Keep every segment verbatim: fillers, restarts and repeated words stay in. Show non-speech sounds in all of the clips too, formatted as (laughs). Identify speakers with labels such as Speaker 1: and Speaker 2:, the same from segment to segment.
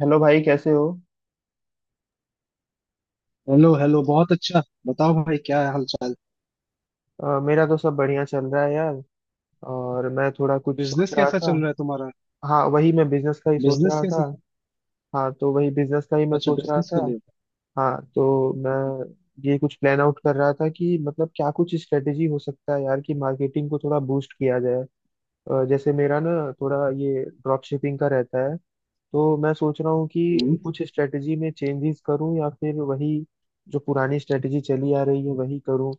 Speaker 1: Hello भाई, कैसे हो?
Speaker 2: हेलो हेलो, बहुत अच्छा। बताओ भाई, क्या हाल चाल?
Speaker 1: अ, मेरा तो सब बढ़िया चल रहा है यार। और मैं थोड़ा कुछ सोच
Speaker 2: बिजनेस
Speaker 1: रहा
Speaker 2: कैसा चल
Speaker 1: था।
Speaker 2: रहा है तुम्हारा?
Speaker 1: हाँ, वही मैं बिजनेस का ही सोच
Speaker 2: बिजनेस
Speaker 1: रहा
Speaker 2: कैसे?
Speaker 1: था। हाँ, तो वही बिजनेस का ही मैं
Speaker 2: अच्छा,
Speaker 1: सोच रहा
Speaker 2: बिजनेस
Speaker 1: था।
Speaker 2: के लिए।
Speaker 1: हाँ, तो मैं ये कुछ प्लान आउट कर रहा था कि मतलब क्या कुछ स्ट्रेटेजी हो सकता है यार, कि मार्केटिंग को थोड़ा बूस्ट किया जाए। अ, जैसे मेरा ना थोड़ा ये ड्रॉप शिपिंग का रहता है। तो मैं सोच रहा हूँ
Speaker 2: हम्म।
Speaker 1: कि कुछ स्ट्रेटजी में चेंजेस करूँ या फिर वही जो पुरानी स्ट्रेटजी चली आ रही है वही करूँ।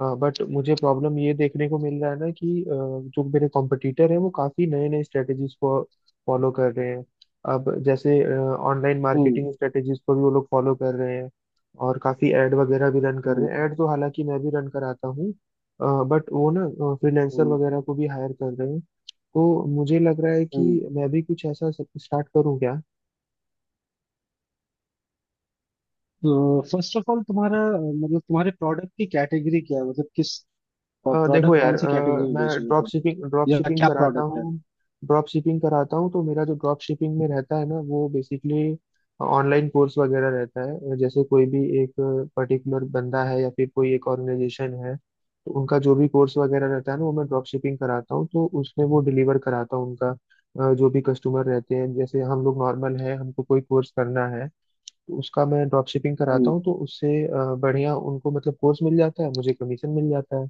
Speaker 1: बट मुझे प्रॉब्लम ये देखने को मिल रहा है ना कि अ, जो मेरे कॉम्पिटिटर हैं वो काफ़ी नए नए स्ट्रेटजीज को फॉलो कर रहे हैं। अब जैसे ऑनलाइन
Speaker 2: हम्म।
Speaker 1: मार्केटिंग स्ट्रेटजीज को भी वो लोग फॉलो कर रहे हैं। और काफ़ी एड वगैरह भी रन कर
Speaker 2: हम्म।
Speaker 1: रहे हैं। एड तो हालांकि मैं भी रन कराता हूँ। बट वो ना, फ्रीलैंसर
Speaker 2: हम्म।
Speaker 1: वगैरह को भी हायर कर रहे हैं। तो मुझे लग रहा है कि
Speaker 2: हम्म।
Speaker 1: मैं भी कुछ ऐसा स्टार्ट करूं क्या?
Speaker 2: तो फर्स्ट ऑफ ऑल तुम्हारा अ, मतलब तुम्हारे प्रोडक्ट की कैटेगरी क्या है, मतलब किस
Speaker 1: अ, देखो
Speaker 2: प्रोडक्ट
Speaker 1: यार,
Speaker 2: कौन सी कैटेगरी
Speaker 1: अ,
Speaker 2: में
Speaker 1: मैं
Speaker 2: बेच रहे हो
Speaker 1: ड्रॉप
Speaker 2: तुम?
Speaker 1: शिपिंग ड्रॉप
Speaker 2: या
Speaker 1: शिपिंग
Speaker 2: क्या
Speaker 1: कराता
Speaker 2: प्रोडक्ट है?
Speaker 1: हूँ। ड्रॉप शिपिंग कराता हूँ, तो मेरा जो ड्रॉप शिपिंग में रहता है ना वो बेसिकली ऑनलाइन कोर्स वगैरह रहता है। जैसे कोई भी एक पर्टिकुलर बंदा है या फिर कोई एक ऑर्गेनाइजेशन है, तो उनका जो भी कोर्स वगैरह रहता है ना वो मैं ड्रॉप शिपिंग कराता हूँ, तो उसमें वो डिलीवर कराता हूँ उनका। अ, जो भी कस्टमर रहते हैं, जैसे हम लोग नॉर्मल है, हमको कोई कोर्स करना है तो उसका मैं ड्रॉप शिपिंग कराता
Speaker 2: हम्म।
Speaker 1: हूँ, तो उससे अ, बढ़िया उनको मतलब कोर्स मिल जाता है, मुझे कमीशन मिल जाता है।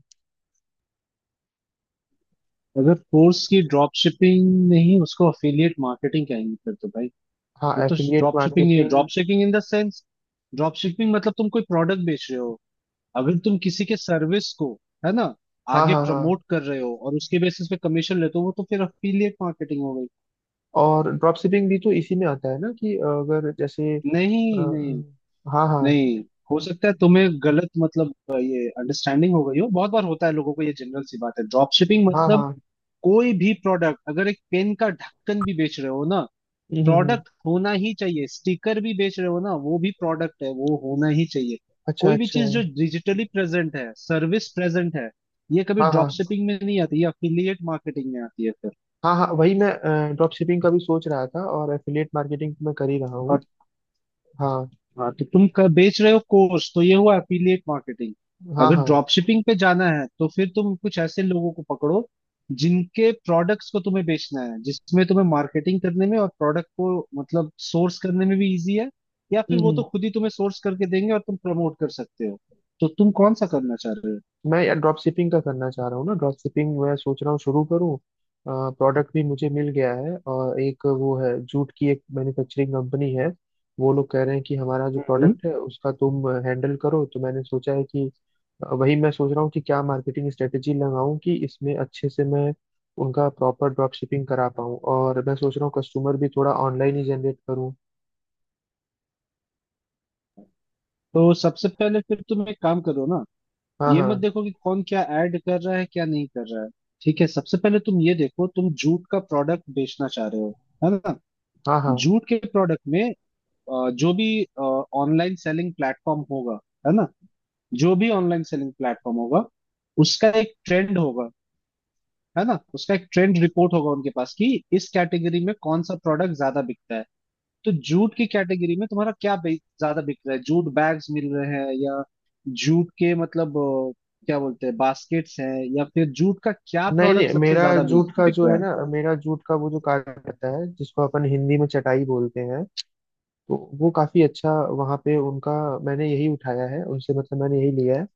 Speaker 2: अगर कोर्स की ड्रॉप शिपिंग, नहीं उसको अफिलिएट मार्केटिंग कहेंगे फिर तो भाई।
Speaker 1: हाँ,
Speaker 2: वो तो
Speaker 1: एफिलिएट
Speaker 2: ड्रॉप शिपिंग नहीं है। Drop
Speaker 1: marketing.
Speaker 2: Shipping in the sense, drop shipping मतलब तुम कोई प्रोडक्ट बेच रहे हो। अगर तुम किसी के सर्विस को, है ना,
Speaker 1: हाँ,
Speaker 2: आगे
Speaker 1: हाँ, हाँ।
Speaker 2: प्रमोट कर रहे हो और उसके बेसिस पे कमीशन लेते हो, वो तो फिर अफिलिएट मार्केटिंग हो गई।
Speaker 1: और ड्रॉप शिपिंग भी तो इसी में आता है ना कि अगर जैसे अ,
Speaker 2: नहीं, नहीं।
Speaker 1: हाँ, हाँ।
Speaker 2: नहीं, हो सकता है तुम्हें गलत मतलब अ, ये अंडरस्टैंडिंग हो गई हो। बहुत बार होता है लोगों को, ये जनरल सी बात है। ड्रॉप शिपिंग
Speaker 1: हाँ,
Speaker 2: मतलब
Speaker 1: हाँ।
Speaker 2: कोई भी प्रोडक्ट, अगर एक पेन का ढक्कन भी बेच रहे हो ना,
Speaker 1: हम्म, हम्म, हम्म।
Speaker 2: प्रोडक्ट होना ही चाहिए। स्टिकर भी बेच रहे हो ना, वो भी प्रोडक्ट है, वो होना ही चाहिए।
Speaker 1: अच्छा,
Speaker 2: कोई भी
Speaker 1: अच्छा।
Speaker 2: चीज जो डिजिटली प्रेजेंट है, सर्विस प्रेजेंट है, ये कभी
Speaker 1: हाँ,
Speaker 2: ड्रॉप
Speaker 1: हाँ,
Speaker 2: शिपिंग में नहीं आती, ये अफिलिएट मार्केटिंग में आती है फिर।
Speaker 1: हाँ, हाँ, वही मैं ड्रॉप शिपिंग का भी सोच रहा था और एफिलिएट मार्केटिंग मैं कर ही रहा हूँ।
Speaker 2: और,
Speaker 1: हाँ,
Speaker 2: हाँ तो तुम क- बेच रहे हो कोर्स, तो ये हुआ एफिलिएट मार्केटिंग।
Speaker 1: हाँ,
Speaker 2: अगर
Speaker 1: हाँ।
Speaker 2: ड्रॉप शिपिंग पे जाना है तो फिर तुम कुछ ऐसे लोगों को पकड़ो, जिनके प्रोडक्ट्स को तुम्हें बेचना है, जिसमें तुम्हें मार्केटिंग करने में और प्रोडक्ट को मतलब सोर्स करने में भी इजी है। या फिर
Speaker 1: हम्म,
Speaker 2: वो
Speaker 1: हम्म।
Speaker 2: तो खुद ही तुम्हें सोर्स करके देंगे और तुम प्रमोट कर सकते हो। तो तुम कौन सा करना चाह रहे हो?
Speaker 1: मैं यार ड्रॉप शिपिंग का करना चाह रहा हूँ ना, ड्रॉप शिपिंग मैं सोच रहा हूँ शुरू करूँ। प्रोडक्ट भी मुझे मिल गया है, और एक वो है, जूट की एक मैन्युफैक्चरिंग कंपनी है। वो लोग कह रहे हैं कि हमारा जो
Speaker 2: हम्म।
Speaker 1: प्रोडक्ट है उसका तुम हैंडल करो, तो मैंने सोचा है कि अ, वही मैं सोच रहा हूँ कि क्या मार्केटिंग स्ट्रेटेजी लगाऊं कि इसमें अच्छे से मैं उनका प्रॉपर ड्रॉप शिपिंग करा पाऊँ। और मैं सोच रहा हूँ कस्टमर भी थोड़ा ऑनलाइन ही जनरेट करूँ।
Speaker 2: तो सबसे पहले फिर तुम एक काम करो ना।
Speaker 1: हाँ,
Speaker 2: ये मत
Speaker 1: हाँ,
Speaker 2: देखो कि कौन क्या ऐड कर रहा है, क्या नहीं कर रहा है। ठीक है, सबसे पहले तुम ये देखो, तुम जूट का प्रोडक्ट बेचना चाह रहे हो, है ना?
Speaker 1: हाँ, हाँ।
Speaker 2: जूट के प्रोडक्ट में अ, जो भी ऑनलाइन सेलिंग प्लेटफॉर्म होगा, है ना, जो भी ऑनलाइन सेलिंग प्लेटफॉर्म होगा, उसका एक ट्रेंड होगा, है ना, उसका एक ट्रेंड रिपोर्ट होगा उनके पास कि इस कैटेगरी में कौन सा प्रोडक्ट ज्यादा बिकता है। तो जूट की कैटेगरी में तुम्हारा क्या बे- ज्यादा बिक रहा है? जूट बैग्स मिल रहे हैं, या जूट के मतलब अ, क्या बोलते हैं, बास्केट्स हैं, या फिर जूट का क्या
Speaker 1: नहीं,
Speaker 2: प्रोडक्ट
Speaker 1: नहीं,
Speaker 2: सबसे
Speaker 1: मेरा
Speaker 2: ज्यादा बिक
Speaker 1: जूट का
Speaker 2: बिक
Speaker 1: जो
Speaker 2: रहा
Speaker 1: है
Speaker 2: है?
Speaker 1: ना, मेरा जूट का वो जो कार्ड रहता है, जिसको अपन हिंदी में चटाई बोलते हैं। तो वो काफी अच्छा, वहां पे उनका, मैंने यही उठाया है उनसे, मतलब मैंने यही लिया है।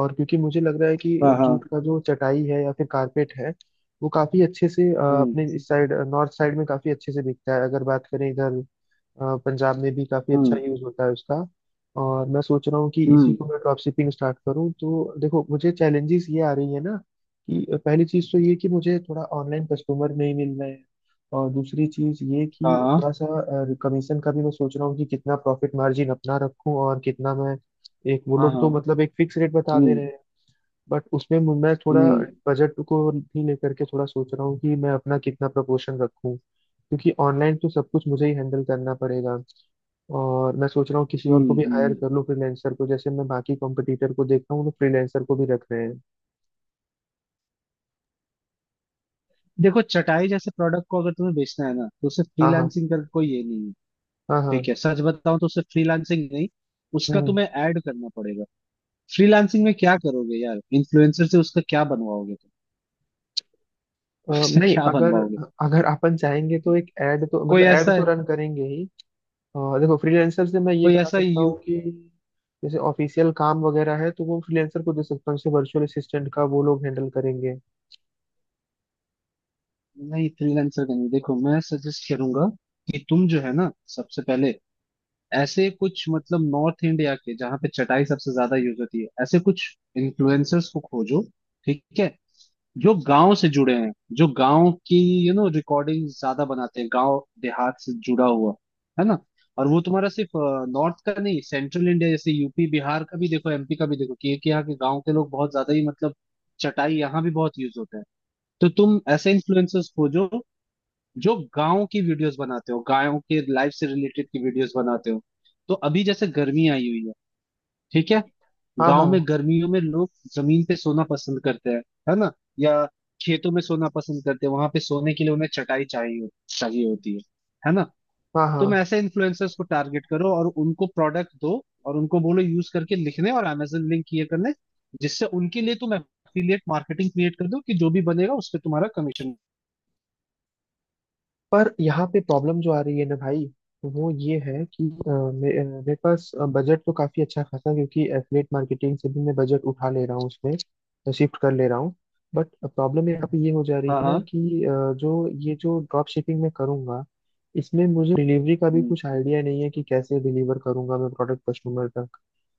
Speaker 1: और क्योंकि मुझे लग रहा है कि
Speaker 2: हाँ,
Speaker 1: जूट
Speaker 2: हाँ।
Speaker 1: का जो चटाई है या फिर कारपेट है, वो काफी अच्छे से अ,
Speaker 2: हम्म।
Speaker 1: अपने इस साइड, नॉर्थ साइड में काफी अच्छे से बिकता है अगर बात करें इधर। अ, पंजाब में भी काफी अच्छा
Speaker 2: हम्म।
Speaker 1: यूज होता है उसका। और मैं सोच रहा हूँ कि इसी
Speaker 2: हम्म।
Speaker 1: को मैं ड्रॉप शिपिंग स्टार्ट करूँ, तो देखो मुझे चैलेंजेस ये आ रही है ना, कि पहली चीज तो ये कि मुझे थोड़ा ऑनलाइन कस्टमर नहीं मिल रहे हैं। और दूसरी चीज ये
Speaker 2: हाँ,
Speaker 1: कि
Speaker 2: हाँ,
Speaker 1: थोड़ा सा कमीशन का भी मैं सोच रहा हूँ कि कितना प्रॉफिट मार्जिन अपना रखूं और कितना मैं। एक, वो
Speaker 2: हाँ,
Speaker 1: लोग तो
Speaker 2: हाँ।
Speaker 1: मतलब एक फिक्स रेट बता दे
Speaker 2: हम्म।
Speaker 1: रहे हैं। बट उसमें मु- मैं थोड़ा
Speaker 2: हम्म।
Speaker 1: बजट को भी लेकर के थोड़ा सोच रहा हूँ कि मैं अपना कितना प्रपोर्शन रखूं, क्योंकि ऑनलाइन तो सब कुछ मुझे ही हैंडल करना पड़ेगा। और मैं सोच रहा हूँ किसी और को
Speaker 2: हम्म।
Speaker 1: भी हायर
Speaker 2: हम्म।
Speaker 1: कर लूँ, फ्रीलैंसर को, जैसे मैं बाकी कॉम्पिटिटर को देखता हूँ तो फ्रीलैंसर को भी रख रहे हैं।
Speaker 2: देखो चटाई जैसे प्रोडक्ट को अगर तुम्हें बेचना है ना, तो उसे
Speaker 1: हाँ, हाँ,
Speaker 2: फ्रीलांसिंग करके कोई ये नहीं है।
Speaker 1: हाँ, हाँ।
Speaker 2: ठीक है, सच बताऊं तो उसे फ्रीलांसिंग नहीं, उसका
Speaker 1: हम्म।
Speaker 2: तुम्हें ऐड करना पड़ेगा। फ्रीलांसिंग में क्या करोगे यार? इन्फ्लुएंसर से उसका क्या बनवाओगे तुम?
Speaker 1: अ,
Speaker 2: (laughs) उसका
Speaker 1: नहीं,
Speaker 2: क्या
Speaker 1: अगर
Speaker 2: बनवाओगे?
Speaker 1: अगर अपन चाहेंगे तो एक ऐड तो
Speaker 2: कोई
Speaker 1: मतलब ऐड
Speaker 2: ऐसा
Speaker 1: तो रन करेंगे ही। अ, देखो, फ्रीलांसर से मैं ये
Speaker 2: कोई
Speaker 1: करा
Speaker 2: ऐसा
Speaker 1: सकता
Speaker 2: यू
Speaker 1: हूँ कि जैसे ऑफिशियल काम वगैरह है तो वो फ्रीलांसर को दे सकता हूँ, जैसे वर्चुअल असिस्टेंट का वो लोग हैंडल करेंगे।
Speaker 2: नहीं, फ्रीलांसर का नहीं। देखो मैं सजेस्ट करूंगा कि तुम जो है ना, सबसे पहले ऐसे कुछ मतलब नॉर्थ इंडिया के, जहाँ पे चटाई सबसे ज्यादा यूज होती है, ऐसे कुछ इन्फ्लुएंसर्स को खोजो। ठीक है? जो गांव से जुड़े हैं, जो गांव की यू नो रिकॉर्डिंग ज्यादा बनाते हैं, गांव देहात से जुड़ा हुआ, है ना। और वो तुम्हारा सिर्फ नॉर्थ का नहीं, सेंट्रल इंडिया जैसे यू पी बिहार का भी देखो, एम पी का भी देखो, कि कि यहाँ के गांव के लोग बहुत ज्यादा ही मतलब चटाई यहाँ भी बहुत यूज होता है। तो तुम ऐसे इन्फ्लुएंसर्स खोजो, जो गांव की वीडियोस बनाते हो, गायों के लाइफ से रिलेटेड की वीडियोस बनाते हो। तो अभी जैसे गर्मी आई हुई है, ठीक है,
Speaker 1: हाँ,
Speaker 2: गांव में
Speaker 1: हाँ,
Speaker 2: गर्मियों में लोग जमीन पे सोना पसंद करते हैं, है ना, या खेतों में सोना पसंद करते हैं, वहां पे सोने के लिए उन्हें चटाई चाहिए, चाहिए होती है है ना।
Speaker 1: हाँ,
Speaker 2: तुम
Speaker 1: हाँ।
Speaker 2: ऐसे इन्फ्लुएंसर्स को टारगेट करो और उनको प्रोडक्ट दो, और उनको बोलो यूज करके लिखने और अमेजन लिंक ये करने, जिससे उनके लिए तुम एफिलिएट मार्केटिंग क्रिएट कर दो, कि जो भी बनेगा उस पे तुम्हारा कमीशन।
Speaker 1: पर यहाँ पे प्रॉब्लम जो आ रही है ना भाई, वो ये है कि अ, मे, अ, मेरे पास बजट तो काफी अच्छा खासा, क्योंकि एफिलेट मार्केटिंग से भी मैं बजट उठा ले रहा हूँ, उसमें शिफ्ट कर ले रहा हूँ। बट प्रॉब्लम यहाँ पे ये हो जा रही
Speaker 2: हाँ,
Speaker 1: है ना
Speaker 2: हाँ।
Speaker 1: कि अ, जो ये जो ड्रॉप शिपिंग मैं करूँगा, इसमें मुझे डिलीवरी का भी
Speaker 2: हम्म।
Speaker 1: कुछ आइडिया नहीं है कि कैसे डिलीवर करूंगा मैं प्रोडक्ट कस्टमर तक।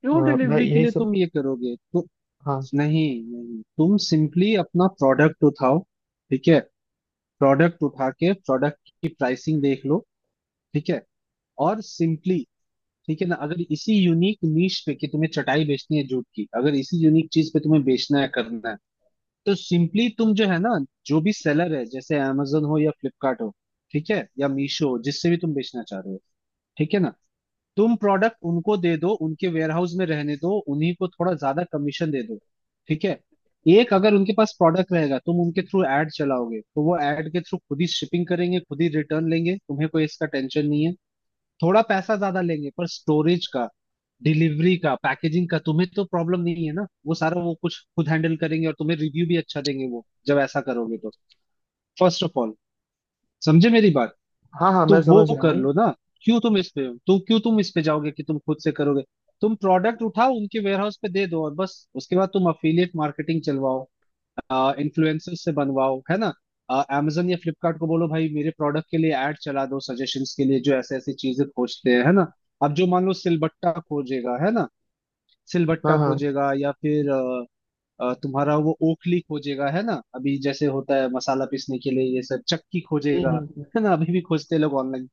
Speaker 2: क्यों?
Speaker 1: अ, मैं
Speaker 2: डिलीवरी के
Speaker 1: यही
Speaker 2: लिए
Speaker 1: सब,
Speaker 2: तुम ये करोगे तो?
Speaker 1: हाँ।
Speaker 2: नहीं, नहीं, तुम सिंपली अपना प्रोडक्ट उठाओ। ठीक है, प्रोडक्ट उठा के प्रोडक्ट की प्राइसिंग देख लो। ठीक है, और सिंपली, ठीक है ना, अगर इसी यूनिक नीश पे, कि तुम्हें चटाई बेचनी है जूट की, अगर इसी यूनिक चीज पे तुम्हें बेचना है करना है, तो सिंपली तुम जो है ना, जो भी सेलर है, जैसे amazon हो या फ्लिपकार्ट हो, ठीक है, या मीशो हो, जिससे भी तुम बेचना चाह रहे हो, ठीक है ना, तुम प्रोडक्ट उनको दे दो, उनके वेयरहाउस में रहने दो, उन्हीं को थोड़ा ज्यादा कमीशन दे दो। ठीक है, एक, अगर उनके पास प्रोडक्ट रहेगा, तुम उनके थ्रू ऐड चलाओगे, तो वो ऐड के थ्रू खुद ही शिपिंग करेंगे, खुद ही रिटर्न लेंगे, तुम्हें कोई इसका टेंशन नहीं है। थोड़ा पैसा ज्यादा लेंगे पर स्टोरेज का, डिलीवरी का, पैकेजिंग का तुम्हें तो प्रॉब्लम नहीं है ना, वो सारा वो कुछ खुद हैंडल करेंगे और तुम्हें रिव्यू भी अच्छा देंगे वो, जब ऐसा करोगे तो। फर्स्ट ऑफ ऑल, समझे मेरी बात?
Speaker 1: हाँ, हाँ,
Speaker 2: तो
Speaker 1: मैं
Speaker 2: वो
Speaker 1: समझ रहा
Speaker 2: कर
Speaker 1: हूँ।
Speaker 2: लो ना। क्यों तुम इस पे तुम क्यों, तुम इस पे जाओगे कि तुम खुद से करोगे? तुम प्रोडक्ट उठाओ, उनके वेयरहाउस पे दे दो, और बस उसके बाद तुम अफिलिएट मार्केटिंग चलवाओ, इन्फ्लुएंसर से बनवाओ, है ना। अमेजन या फ्लिपकार्ट को बोलो भाई मेरे प्रोडक्ट के लिए ऐड चला दो, सजेशंस के लिए, जो ऐसे ऐसी चीजें खोजते हैं, है ना। अब जो मान लो सिलबट्टा खोजेगा, है ना, सिलबट्टा
Speaker 1: हाँ, हाँ।
Speaker 2: खोजेगा, या फिर अ, तुम्हारा वो ओखली खोजेगा, है ना। अभी जैसे होता है मसाला पीसने के लिए ये सब, चक्की
Speaker 1: हम्म,
Speaker 2: खोजेगा,
Speaker 1: हम्म, हम्म।
Speaker 2: है ना, अभी भी खोजते हैं लोग ऑनलाइन।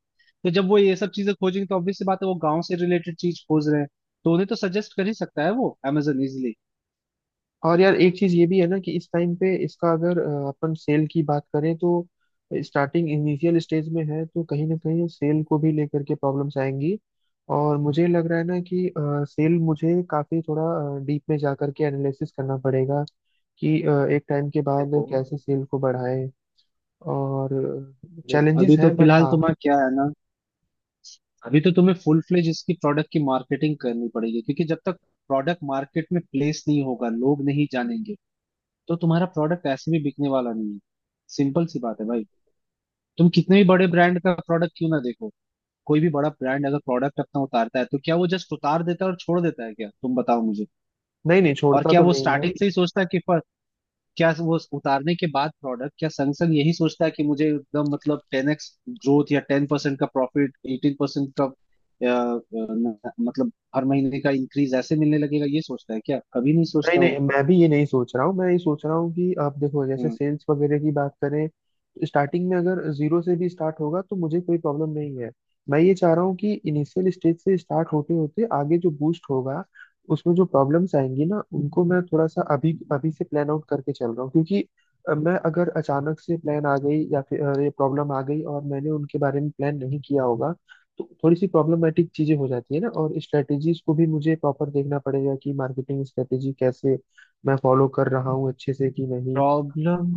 Speaker 2: तो जब वो ये सब चीजें खोजेंगे, तो ऑब्वियस सी बात है, वो गांव से रिलेटेड चीज खोज रहे हैं, तो उन्हें तो सजेस्ट कर ही सकता है वो अमेजोन, इजिली।
Speaker 1: और यार एक चीज ये भी है ना कि इस टाइम पे इसका अगर अ, अपन सेल की बात करें, तो स्टार्टिंग इनिशियल स्टेज में है तो कहीं ना कहीं सेल को भी लेकर के प्रॉब्लम्स आएंगी। और मुझे लग रहा है ना कि सेल मुझे काफी थोड़ा डीप में जा करके एनालिसिस करना पड़ेगा कि अ, एक टाइम के बाद
Speaker 2: देखो,
Speaker 1: कैसे सेल को बढ़ाएं। और
Speaker 2: देखो
Speaker 1: चैलेंजेस
Speaker 2: अभी तो
Speaker 1: हैं बट,
Speaker 2: फिलहाल
Speaker 1: हाँ।
Speaker 2: तुम्हारा क्या है ना, अभी तो तुम्हें फुल फ्लेज इसकी प्रोडक्ट की मार्केटिंग करनी पड़ेगी, क्योंकि जब तक प्रोडक्ट मार्केट में प्लेस नहीं होगा, लोग नहीं जानेंगे, तो तुम्हारा प्रोडक्ट ऐसे भी बिकने वाला नहीं है। सिंपल सी बात है भाई। तुम कितने भी बड़े ब्रांड का प्रोडक्ट क्यों ना देखो, कोई भी बड़ा ब्रांड अगर प्रोडक्ट अपना उतारता है तो क्या वो जस्ट उतार देता है और छोड़ देता है क्या? तुम बताओ मुझे।
Speaker 1: नहीं, नहीं
Speaker 2: और
Speaker 1: छोड़ता
Speaker 2: क्या
Speaker 1: तो
Speaker 2: वो
Speaker 1: नहीं है।
Speaker 2: स्टार्टिंग से ही सोचता है कि, पर क्या वो उतारने के बाद प्रोडक्ट, क्या संग संग यही सोचता है कि मुझे एकदम मतलब टेन एक्स ग्रोथ या टेन परसेंट का प्रॉफिट, एटीन परसेंट का अ, अ, न- मतलब हर महीने का इंक्रीज ऐसे मिलने लगेगा, ये सोचता है क्या? कभी नहीं
Speaker 1: नहीं,
Speaker 2: सोचता
Speaker 1: नहीं, मैं भी ये नहीं सोच रहा हूँ। मैं ये सोच रहा हूँ कि आप देखो, जैसे
Speaker 2: वो।
Speaker 1: सेल्स वगैरह की बात करें तो स्टार्टिंग में अगर जीरो से भी स्टार्ट होगा तो मुझे कोई प्रॉब्लम नहीं है। मैं ये चाह रहा हूँ कि इनिशियल स्टेज से स्टार्ट होते होते आगे जो बूस्ट होगा, उसमें जो प्रॉब्लम्स आएंगी ना, उनको मैं थोड़ा सा अभी अभी से प्लान आउट करके चल रहा हूँ, क्योंकि अ, मैं अगर अचानक से प्लान आ गई या फिर अ, ये प्रॉब्लम आ गई और मैंने उनके बारे में प्लान नहीं किया होगा, तो थोड़ी सी प्रॉब्लमेटिक चीजें हो जाती है ना। और स्ट्रेटेजीज को भी मुझे प्रॉपर देखना पड़ेगा कि मार्केटिंग स्ट्रेटेजी कैसे मैं फॉलो कर रहा हूँ अच्छे से कि नहीं।
Speaker 2: प्रॉब्लम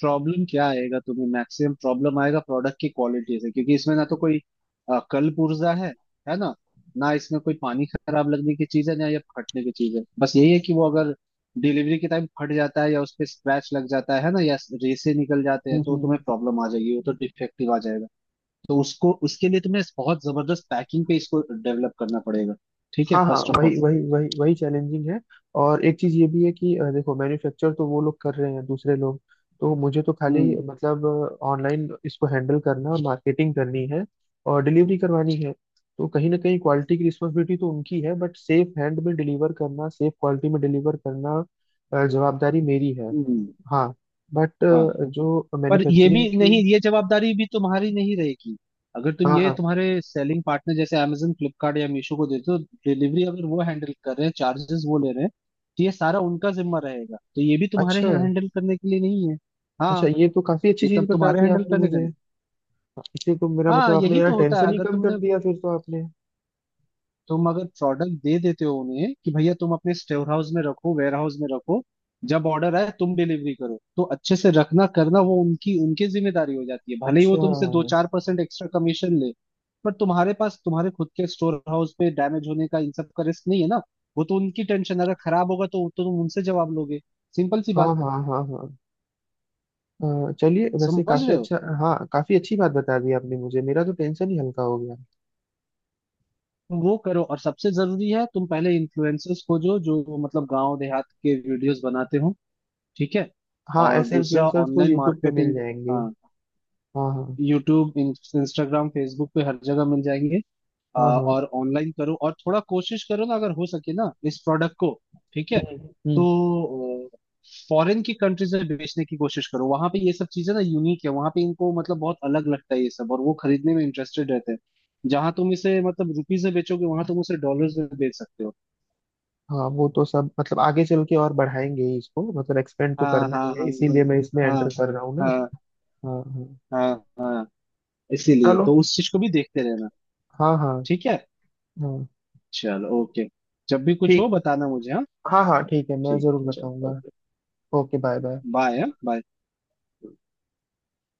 Speaker 2: प्रॉब्लम क्या आएगा? तुम्हें मैक्सिमम प्रॉब्लम आएगा प्रोडक्ट की क्वालिटी से, क्योंकि इसमें ना तो कोई अ, कल्प ऊर्जा है है ना, ना इसमें कोई पानी खराब लगने की चीज है, ना या फटने की चीज है। बस यही है कि वो अगर डिलीवरी के टाइम फट जाता है या उस पे स्क्रैच लग जाता है ना, या रेसे निकल जाते हैं, तो
Speaker 1: हम्म।
Speaker 2: तुम्हें प्रॉब्लम आ जाएगी, वो तो डिफेक्टिव आ जाएगा। तो उसको उसके लिए तुम्हें बहुत जबरदस्त पैकिंग पे इसको डेवलप करना पड़ेगा, ठीक है,
Speaker 1: हाँ, हाँ,
Speaker 2: फर्स्ट ऑफ ऑल।
Speaker 1: वही वही वही वही चैलेंजिंग है। और एक चीज ये भी है कि अ, देखो, मैन्युफैक्चर तो वो लोग कर रहे हैं, दूसरे लोग। तो मुझे तो खाली,
Speaker 2: हम्म।
Speaker 1: मतलब ऑनलाइन इसको हैंडल करना और मार्केटिंग करनी है, और डिलीवरी करवानी है। तो कहीं ना कहीं क्वालिटी की रिस्पॉन्सिबिलिटी तो उनकी है, बट सेफ हैंड में डिलीवर करना, सेफ क्वालिटी में डिलीवर करना, अ, जवाबदारी मेरी है।
Speaker 2: हम्म।
Speaker 1: हाँ। बट
Speaker 2: हाँ,
Speaker 1: जो
Speaker 2: पर ये भी
Speaker 1: मैन्युफैक्चरिंग की।
Speaker 2: नहीं, ये जवाबदारी भी तुम्हारी नहीं रहेगी। अगर तुम
Speaker 1: हाँ,
Speaker 2: ये
Speaker 1: हाँ।
Speaker 2: तुम्हारे सेलिंग पार्टनर जैसे Amazon, फ्लिपकार्ट या मीशो को देते हो, डिलीवरी अगर वो हैंडल कर रहे हैं, चार्जेस वो ले रहे हैं, तो ये सारा उनका जिम्मा रहेगा, तो ये भी तुम्हारे
Speaker 1: अच्छा,
Speaker 2: हैंडल करने के लिए नहीं है।
Speaker 1: अच्छा,
Speaker 2: हाँ,
Speaker 1: ये तो काफी अच्छी
Speaker 2: ये
Speaker 1: चीज
Speaker 2: तब
Speaker 1: बता
Speaker 2: तुम्हारे
Speaker 1: दी
Speaker 2: हैंडल
Speaker 1: आपने
Speaker 2: करने का
Speaker 1: मुझे।
Speaker 2: नहीं।
Speaker 1: इसी को मेरा
Speaker 2: हाँ,
Speaker 1: मतलब, आपने
Speaker 2: यही
Speaker 1: यार
Speaker 2: तो होता है,
Speaker 1: टेंशन ही
Speaker 2: अगर
Speaker 1: कम कर
Speaker 2: तुमने,
Speaker 1: दिया फिर तो आपने।
Speaker 2: तुम अगर प्रोडक्ट दे देते हो उन्हें कि भैया तुम अपने स्टोर हाउस में रखो, वेयर हाउस में रखो, जब ऑर्डर आए तुम डिलीवरी करो, तो अच्छे से रखना करना वो उनकी उनकी जिम्मेदारी हो जाती है, भले ही वो
Speaker 1: अच्छा।
Speaker 2: तुमसे दो चार परसेंट एक्स्ट्रा कमीशन ले। पर तुम्हारे पास, तुम्हारे खुद के स्टोर हाउस पे डैमेज होने का, इन सब का रिस्क नहीं है ना। वो तो उनकी टेंशन, अगर खराब होगा तो, तो तुम उनसे जवाब लोगे। सिंपल सी
Speaker 1: हाँ,
Speaker 2: बात।
Speaker 1: हाँ, हाँ, हाँ। अ, चलिए, वैसे
Speaker 2: समझ
Speaker 1: काफी
Speaker 2: रहे हो?
Speaker 1: अच्छा, हाँ, काफी अच्छी बात बता दी आपने मुझे, मेरा तो टेंशन ही हल्का हो गया।
Speaker 2: तुम वो करो, और सबसे जरूरी है तुम पहले इन्फ्लुएंसर्स को, जो जो मतलब गांव देहात के वीडियोस बनाते हो, ठीक है,
Speaker 1: हाँ,
Speaker 2: और
Speaker 1: ऐसे
Speaker 2: दूसरा
Speaker 1: इन्फ्लुएंसर्स तो
Speaker 2: ऑनलाइन
Speaker 1: यूट्यूब पे मिल
Speaker 2: मार्केटिंग।
Speaker 1: जाएंगे।
Speaker 2: हाँ,
Speaker 1: हाँ, हाँ,
Speaker 2: यूट्यूब, इंस्टाग्राम, फेसबुक पे हर जगह मिल जाएंगे। आ,
Speaker 1: हाँ, हाँ।
Speaker 2: और ऑनलाइन करो, और थोड़ा कोशिश करो ना अगर हो सके ना, इस प्रोडक्ट को, ठीक है,
Speaker 1: हम्म,
Speaker 2: तो
Speaker 1: हम्म।
Speaker 2: फॉरेन की कंट्रीज में बेचने की कोशिश करो। वहां पे ये सब चीजें ना यूनिक है, वहां पे इनको मतलब बहुत अलग लगता है ये सब, और वो खरीदने में इंटरेस्टेड रहते हैं। जहां तुम इसे मतलब रुपीज में बेचोगे, वहां तुम उसे डॉलर्स में बेच सकते हो।
Speaker 1: हाँ, वो तो सब मतलब आगे चल के और बढ़ाएंगे ही इसको, मतलब एक्सपेंड तो
Speaker 2: हाँ,
Speaker 1: करना
Speaker 2: हाँ,
Speaker 1: ही है,
Speaker 2: हाँ, हाँ,
Speaker 1: इसीलिए मैं इसमें
Speaker 2: हाँ,
Speaker 1: एंटर कर रहा हूँ ना।
Speaker 2: हाँ,
Speaker 1: हाँ, हाँ।
Speaker 2: हाँ, हाँ, इसीलिए
Speaker 1: चलो।
Speaker 2: तो उस चीज को भी देखते रहना।
Speaker 1: हाँ, हाँ,
Speaker 2: ठीक है,
Speaker 1: हाँ।
Speaker 2: चलो ओके। जब भी कुछ हो
Speaker 1: ठीक।
Speaker 2: बताना मुझे, हाँ?
Speaker 1: हाँ, हाँ, ठीक है, मैं
Speaker 2: ठीक,
Speaker 1: जरूर
Speaker 2: चलो
Speaker 1: बताऊंगा।
Speaker 2: Okay.
Speaker 1: Okay, bye bye.
Speaker 2: Bye bye.